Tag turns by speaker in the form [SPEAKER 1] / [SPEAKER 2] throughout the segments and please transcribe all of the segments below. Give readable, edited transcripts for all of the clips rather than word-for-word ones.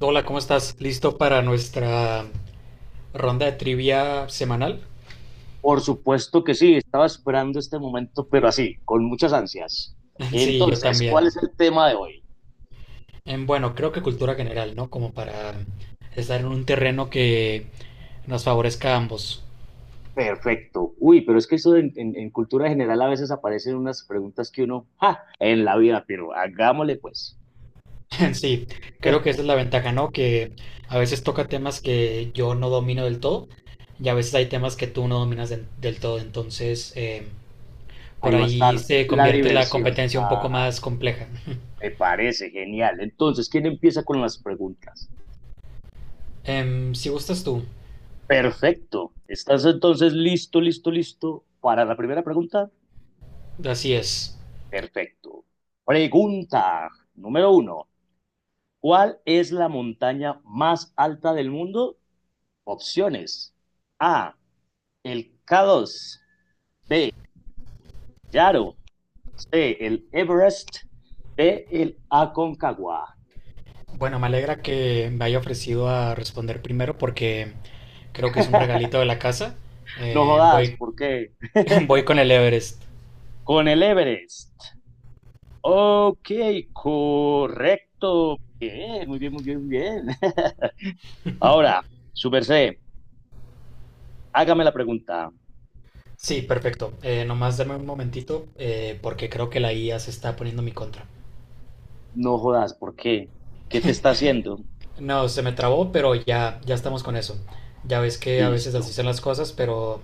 [SPEAKER 1] Hola, ¿cómo estás? ¿Listo para nuestra ronda de trivia semanal?
[SPEAKER 2] Por supuesto que sí, estaba esperando este momento, pero así, con muchas ansias.
[SPEAKER 1] Sí, yo
[SPEAKER 2] Entonces,
[SPEAKER 1] también.
[SPEAKER 2] ¿cuál es el tema de hoy?
[SPEAKER 1] Bueno, creo que cultura general, ¿no? Como para estar en un terreno que nos favorezca a ambos.
[SPEAKER 2] Perfecto. Uy, pero es que eso en cultura general a veces aparecen unas preguntas que uno, ¡ja! En la vida, pero hagámosle pues.
[SPEAKER 1] Sí, creo que esa es la ventaja, ¿no? Que a veces toca temas que yo no domino del todo y a veces hay temas que tú no dominas del todo. Entonces, por
[SPEAKER 2] Ahí va a estar
[SPEAKER 1] ahí se
[SPEAKER 2] la
[SPEAKER 1] convierte la
[SPEAKER 2] diversión.
[SPEAKER 1] competencia un poco
[SPEAKER 2] Ajá,
[SPEAKER 1] más compleja.
[SPEAKER 2] me parece genial. Entonces, ¿quién empieza con las preguntas?
[SPEAKER 1] Si gustas tú,
[SPEAKER 2] Perfecto. ¿Estás entonces listo, listo, listo para la primera pregunta?
[SPEAKER 1] así es.
[SPEAKER 2] Perfecto. Pregunta número uno. ¿Cuál es la montaña más alta del mundo? Opciones. A, el K2. B, Yaro. C, el Everest. D, el Aconcagua.
[SPEAKER 1] Bueno, me alegra que me haya ofrecido a responder primero porque creo que es un regalito de la casa.
[SPEAKER 2] No
[SPEAKER 1] Eh,
[SPEAKER 2] jodas,
[SPEAKER 1] voy,
[SPEAKER 2] ¿por qué?
[SPEAKER 1] voy con el Everest.
[SPEAKER 2] Con el Everest. Ok, correcto. Bien, muy bien, muy bien, muy bien. Ahora, Super C, hágame la pregunta.
[SPEAKER 1] Sí, perfecto. Nomás dame un momentito porque creo que la IA se está poniendo en mi contra.
[SPEAKER 2] No jodas, ¿por qué? ¿Qué te está haciendo?
[SPEAKER 1] No, se me trabó, pero ya, ya estamos con eso. Ya ves que a veces así
[SPEAKER 2] Listo.
[SPEAKER 1] son las cosas, pero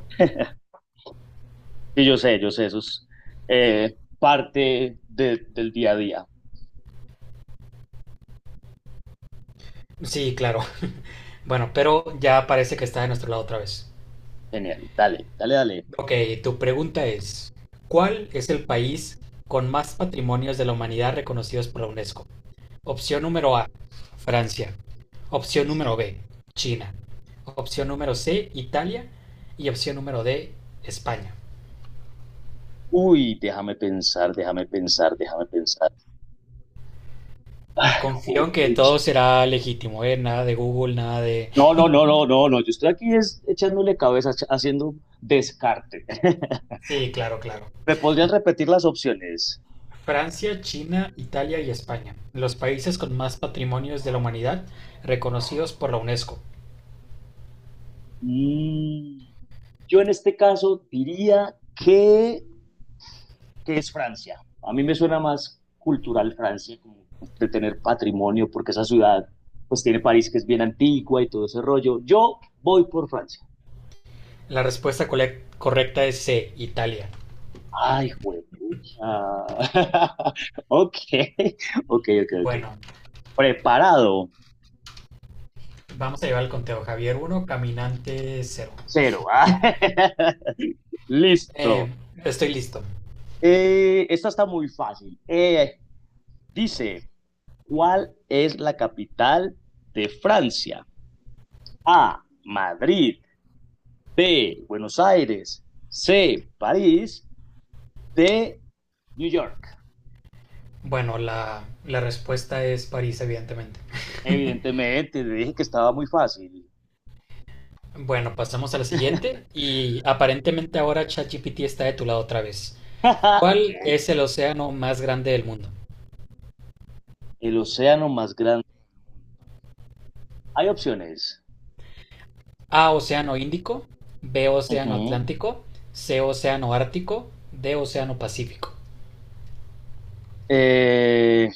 [SPEAKER 2] Sí, yo sé, eso es del día a día.
[SPEAKER 1] sí, claro. Bueno, pero ya parece que está de nuestro lado otra vez.
[SPEAKER 2] Genial, dale, dale, dale.
[SPEAKER 1] Ok, tu pregunta es, ¿cuál es el país con más patrimonios de la humanidad reconocidos por la UNESCO? Opción número A, Francia. Opción número B, China. Opción número C, Italia. Y opción número D, España.
[SPEAKER 2] Uy, déjame pensar, déjame pensar, déjame pensar. Ay,
[SPEAKER 1] Confío en que
[SPEAKER 2] juepucha.
[SPEAKER 1] todo será legítimo, ¿eh? Nada de Google, nada de...
[SPEAKER 2] No, no, no, no, no, no. Yo estoy aquí es echándole cabeza, haciendo descarte.
[SPEAKER 1] Sí, claro, claro.
[SPEAKER 2] ¿Me podrías repetir las opciones?
[SPEAKER 1] Francia, China, Italia y España. Los países con más patrimonios de la humanidad reconocidos por la UNESCO.
[SPEAKER 2] Mm, yo en este caso diría que, ¿qué es Francia? A mí me suena más cultural Francia, como de tener patrimonio, porque esa ciudad, pues tiene París que es bien antigua y todo ese rollo. Yo voy por Francia.
[SPEAKER 1] La respuesta correcta es C, Italia.
[SPEAKER 2] Ay, juepucha. Ok, ok, ok, ok.
[SPEAKER 1] Bueno,
[SPEAKER 2] Preparado,
[SPEAKER 1] vamos a llevar el conteo. Javier uno, Caminante 0.
[SPEAKER 2] cero. Listo.
[SPEAKER 1] Estoy listo.
[SPEAKER 2] Esta está muy fácil. Dice, ¿cuál es la capital de Francia? A, Madrid. B, Buenos Aires. C, París. D, New York.
[SPEAKER 1] Bueno, la respuesta es París, evidentemente.
[SPEAKER 2] Evidentemente, le dije que estaba muy fácil.
[SPEAKER 1] Bueno, pasamos a la siguiente y aparentemente ahora ChatGPT está de tu lado otra vez. ¿Cuál
[SPEAKER 2] Ok.
[SPEAKER 1] es el océano más grande del mundo?
[SPEAKER 2] El océano más grande. Hay opciones.
[SPEAKER 1] A, océano Índico; B, océano
[SPEAKER 2] Ujú.
[SPEAKER 1] Atlántico; C, océano Ártico; D, océano Pacífico.
[SPEAKER 2] Eh,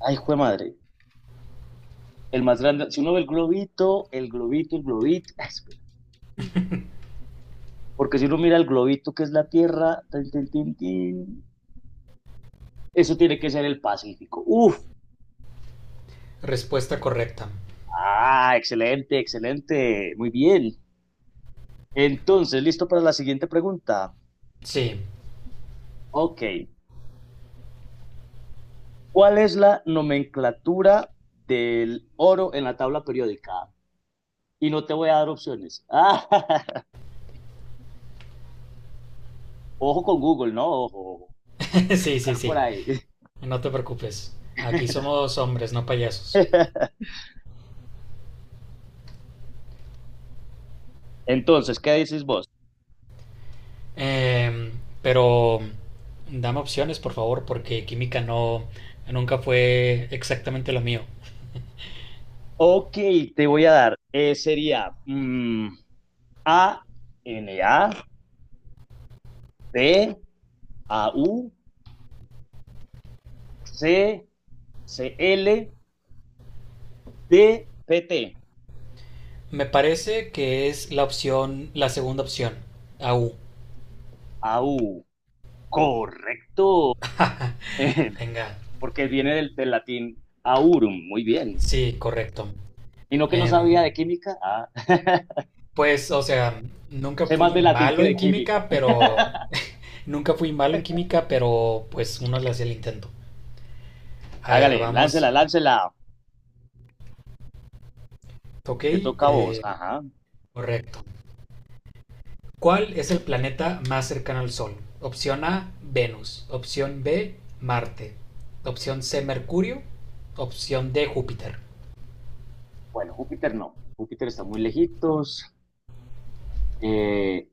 [SPEAKER 2] ay, jue madre. El más grande. Si uno ve el globito, el globito, el globito. Espera. Porque si uno mira el globito que es la Tierra, tin, tin, tin, tin, eso tiene que ser el Pacífico. Uf.
[SPEAKER 1] Respuesta correcta.
[SPEAKER 2] Ah, excelente, excelente. Muy bien. Entonces, listo para la siguiente pregunta.
[SPEAKER 1] Sí,
[SPEAKER 2] Ok, ¿cuál es la nomenclatura del oro en la tabla periódica? Y no te voy a dar opciones. Ah, ojo con Google, ¿no? Ojo, ojo,
[SPEAKER 1] sí, sí,
[SPEAKER 2] buscar por
[SPEAKER 1] sí.
[SPEAKER 2] ahí.
[SPEAKER 1] No te preocupes. Aquí somos hombres, no payasos.
[SPEAKER 2] Entonces, ¿qué dices vos?
[SPEAKER 1] Eh, pero dame opciones, por favor, porque química no nunca fue exactamente lo mío.
[SPEAKER 2] Ok, te voy a dar, sería, A, N, A, P, A, U, C, C, L, D, P, T.
[SPEAKER 1] Me parece que es la segunda opción. A U.
[SPEAKER 2] Au. Correcto.
[SPEAKER 1] Venga.
[SPEAKER 2] Porque viene del latín aurum, muy bien.
[SPEAKER 1] Sí, correcto.
[SPEAKER 2] Y no que no
[SPEAKER 1] Em,
[SPEAKER 2] sabía de química, ah,
[SPEAKER 1] pues, o sea, nunca
[SPEAKER 2] sé más
[SPEAKER 1] fui
[SPEAKER 2] de latín que
[SPEAKER 1] malo en
[SPEAKER 2] de química.
[SPEAKER 1] química, pero nunca fui malo en química, pero pues uno le hacía el intento. A ver,
[SPEAKER 2] Hágale, láncela,
[SPEAKER 1] vamos.
[SPEAKER 2] láncela,
[SPEAKER 1] Ok,
[SPEAKER 2] te toca a vos, ajá.
[SPEAKER 1] correcto. ¿Cuál es el planeta más cercano al Sol? Opción A, Venus. Opción B, Marte. Opción C, Mercurio. Opción D, Júpiter.
[SPEAKER 2] Bueno, Júpiter no, Júpiter está muy lejitos, eh,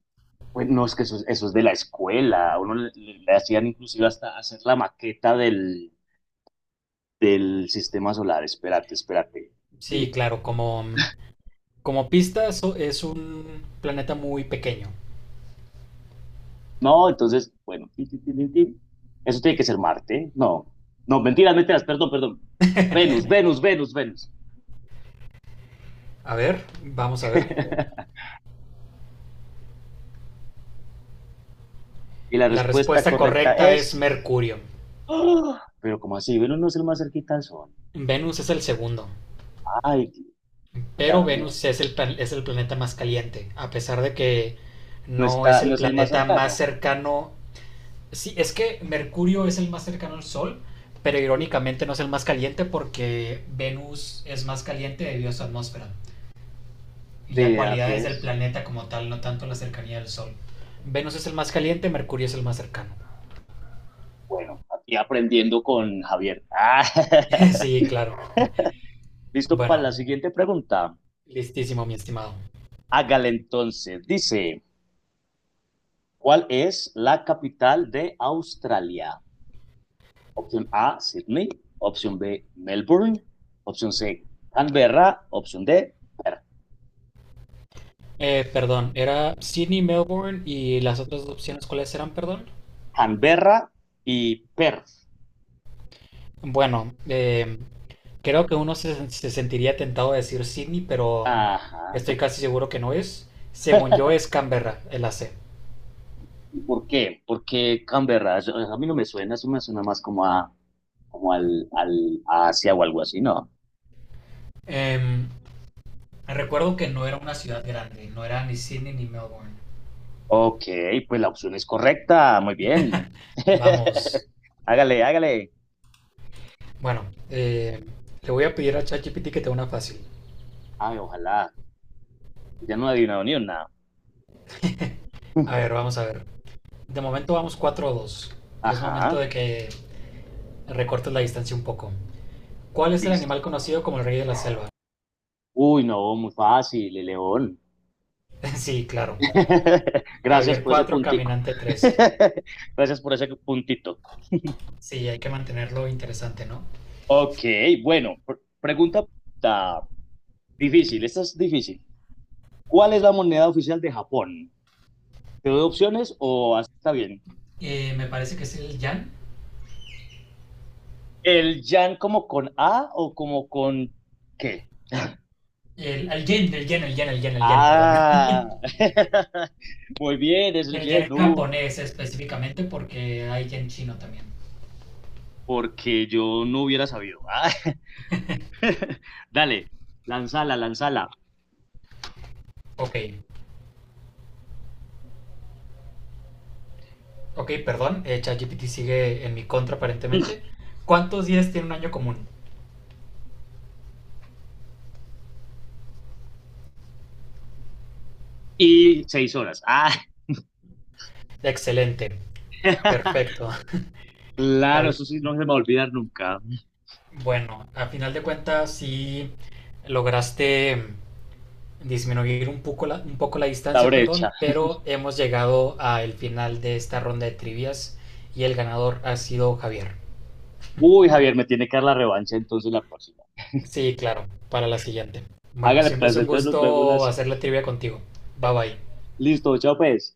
[SPEAKER 2] pues no, es que eso, eso es de la escuela, a uno le hacían inclusive hasta hacer la maqueta del sistema solar, espérate, espérate.
[SPEAKER 1] Sí,
[SPEAKER 2] Mm.
[SPEAKER 1] claro, como pista es un planeta muy pequeño.
[SPEAKER 2] No, entonces, bueno, tin, tin, tin, tin, tin. Eso tiene que ser Marte. No, no, mentiras, mentiras, perdón, perdón. Venus, Venus, Venus, Venus.
[SPEAKER 1] A ver, vamos a ver.
[SPEAKER 2] Y la
[SPEAKER 1] La
[SPEAKER 2] respuesta
[SPEAKER 1] respuesta
[SPEAKER 2] correcta
[SPEAKER 1] correcta es
[SPEAKER 2] es...
[SPEAKER 1] Mercurio.
[SPEAKER 2] ¡Ah! Pero ¿cómo así? Venus no es el más cerquita al Sol.
[SPEAKER 1] Venus es el segundo,
[SPEAKER 2] Ay,
[SPEAKER 1] pero
[SPEAKER 2] ya, mira,
[SPEAKER 1] Venus es es el planeta más caliente, a pesar de que
[SPEAKER 2] no
[SPEAKER 1] no es
[SPEAKER 2] está,
[SPEAKER 1] el
[SPEAKER 2] no es el más
[SPEAKER 1] planeta más
[SPEAKER 2] cercano.
[SPEAKER 1] cercano. Sí, es que Mercurio es el más cercano al Sol, pero
[SPEAKER 2] Sí,
[SPEAKER 1] irónicamente no es el más caliente porque Venus es más caliente debido a su atmósfera y a
[SPEAKER 2] vea,
[SPEAKER 1] cualidades del
[SPEAKER 2] pues,
[SPEAKER 1] planeta como tal, no tanto la cercanía del Sol. Venus es el más caliente, Mercurio es el más cercano.
[SPEAKER 2] bueno, aquí aprendiendo con Javier. Ah,
[SPEAKER 1] Sí, claro.
[SPEAKER 2] listo para
[SPEAKER 1] Bueno,
[SPEAKER 2] la siguiente pregunta.
[SPEAKER 1] listísimo, mi estimado.
[SPEAKER 2] Hágale entonces. Dice, ¿cuál es la capital de Australia? Opción A, Sydney. Opción B, Melbourne. Opción C, Canberra. Opción D,
[SPEAKER 1] Perdón, era Sydney, Melbourne y las otras opciones, ¿cuáles eran, perdón?
[SPEAKER 2] Canberra y Perth.
[SPEAKER 1] Bueno, creo que uno se sentiría tentado a decir Sydney, pero
[SPEAKER 2] Ajá.
[SPEAKER 1] estoy casi seguro que no es. Según yo es Canberra, el AC.
[SPEAKER 2] ¿Y por qué? Porque Canberra, a mí no me suena, eso me suena más como a, como al, al a Asia o algo así, ¿no?
[SPEAKER 1] Em, Recuerdo que no era una ciudad grande, no era ni Sydney ni Melbourne.
[SPEAKER 2] Ok, pues la opción es correcta, muy bien.
[SPEAKER 1] Vamos,
[SPEAKER 2] Hágale, hágale.
[SPEAKER 1] bueno, le voy a pedir a ChatGPT que te dé una fácil.
[SPEAKER 2] Ay, ojalá, ya no ha adivinado ni una.
[SPEAKER 1] A ver, vamos a ver. De momento vamos 4 o 2. Y es momento
[SPEAKER 2] Ajá,
[SPEAKER 1] de que recortes la distancia un poco. ¿Cuál es el animal
[SPEAKER 2] listo.
[SPEAKER 1] conocido como el rey de la selva?
[SPEAKER 2] Uy, no, muy fácil, León.
[SPEAKER 1] Sí, claro.
[SPEAKER 2] Gracias
[SPEAKER 1] Javier
[SPEAKER 2] por ese
[SPEAKER 1] 4,
[SPEAKER 2] puntico.
[SPEAKER 1] Caminante 3.
[SPEAKER 2] Gracias por ese puntito.
[SPEAKER 1] Sí, hay que mantenerlo interesante, ¿no?
[SPEAKER 2] Ok, bueno, pregunta ah, difícil, esta es difícil. ¿Cuál es la moneda oficial de Japón? ¿Te doy opciones o así está bien?
[SPEAKER 1] Me parece que es el yan.
[SPEAKER 2] ¿El yan como con A o como con qué?
[SPEAKER 1] El yen, el yen, perdón.
[SPEAKER 2] Ah, muy bien, es el
[SPEAKER 1] El
[SPEAKER 2] yen,
[SPEAKER 1] yen
[SPEAKER 2] uy,
[SPEAKER 1] japonés específicamente porque hay yen chino también.
[SPEAKER 2] porque yo no hubiera sabido. Ah, dale, lánzala, lánzala.
[SPEAKER 1] Ok, ok, perdón. ChatGPT sigue en mi contra aparentemente. ¿Cuántos días tiene un año común?
[SPEAKER 2] Y 6 horas. Ah.
[SPEAKER 1] Excelente, perfecto.
[SPEAKER 2] Claro,
[SPEAKER 1] Javi.
[SPEAKER 2] eso sí no se me va a olvidar nunca.
[SPEAKER 1] Bueno, a final de cuentas sí lograste disminuir un poco la
[SPEAKER 2] La
[SPEAKER 1] distancia,
[SPEAKER 2] brecha.
[SPEAKER 1] perdón, pero hemos llegado al final de esta ronda de trivias y el ganador ha sido Javier.
[SPEAKER 2] Uy, Javier, me tiene que dar la revancha entonces la próxima.
[SPEAKER 1] Sí, claro, para la siguiente. Bueno,
[SPEAKER 2] Hágale
[SPEAKER 1] siempre es
[SPEAKER 2] placer,
[SPEAKER 1] un
[SPEAKER 2] entonces nos vemos la
[SPEAKER 1] gusto hacer
[SPEAKER 2] siguiente.
[SPEAKER 1] la trivia contigo. Bye bye.
[SPEAKER 2] Listo, chao pues.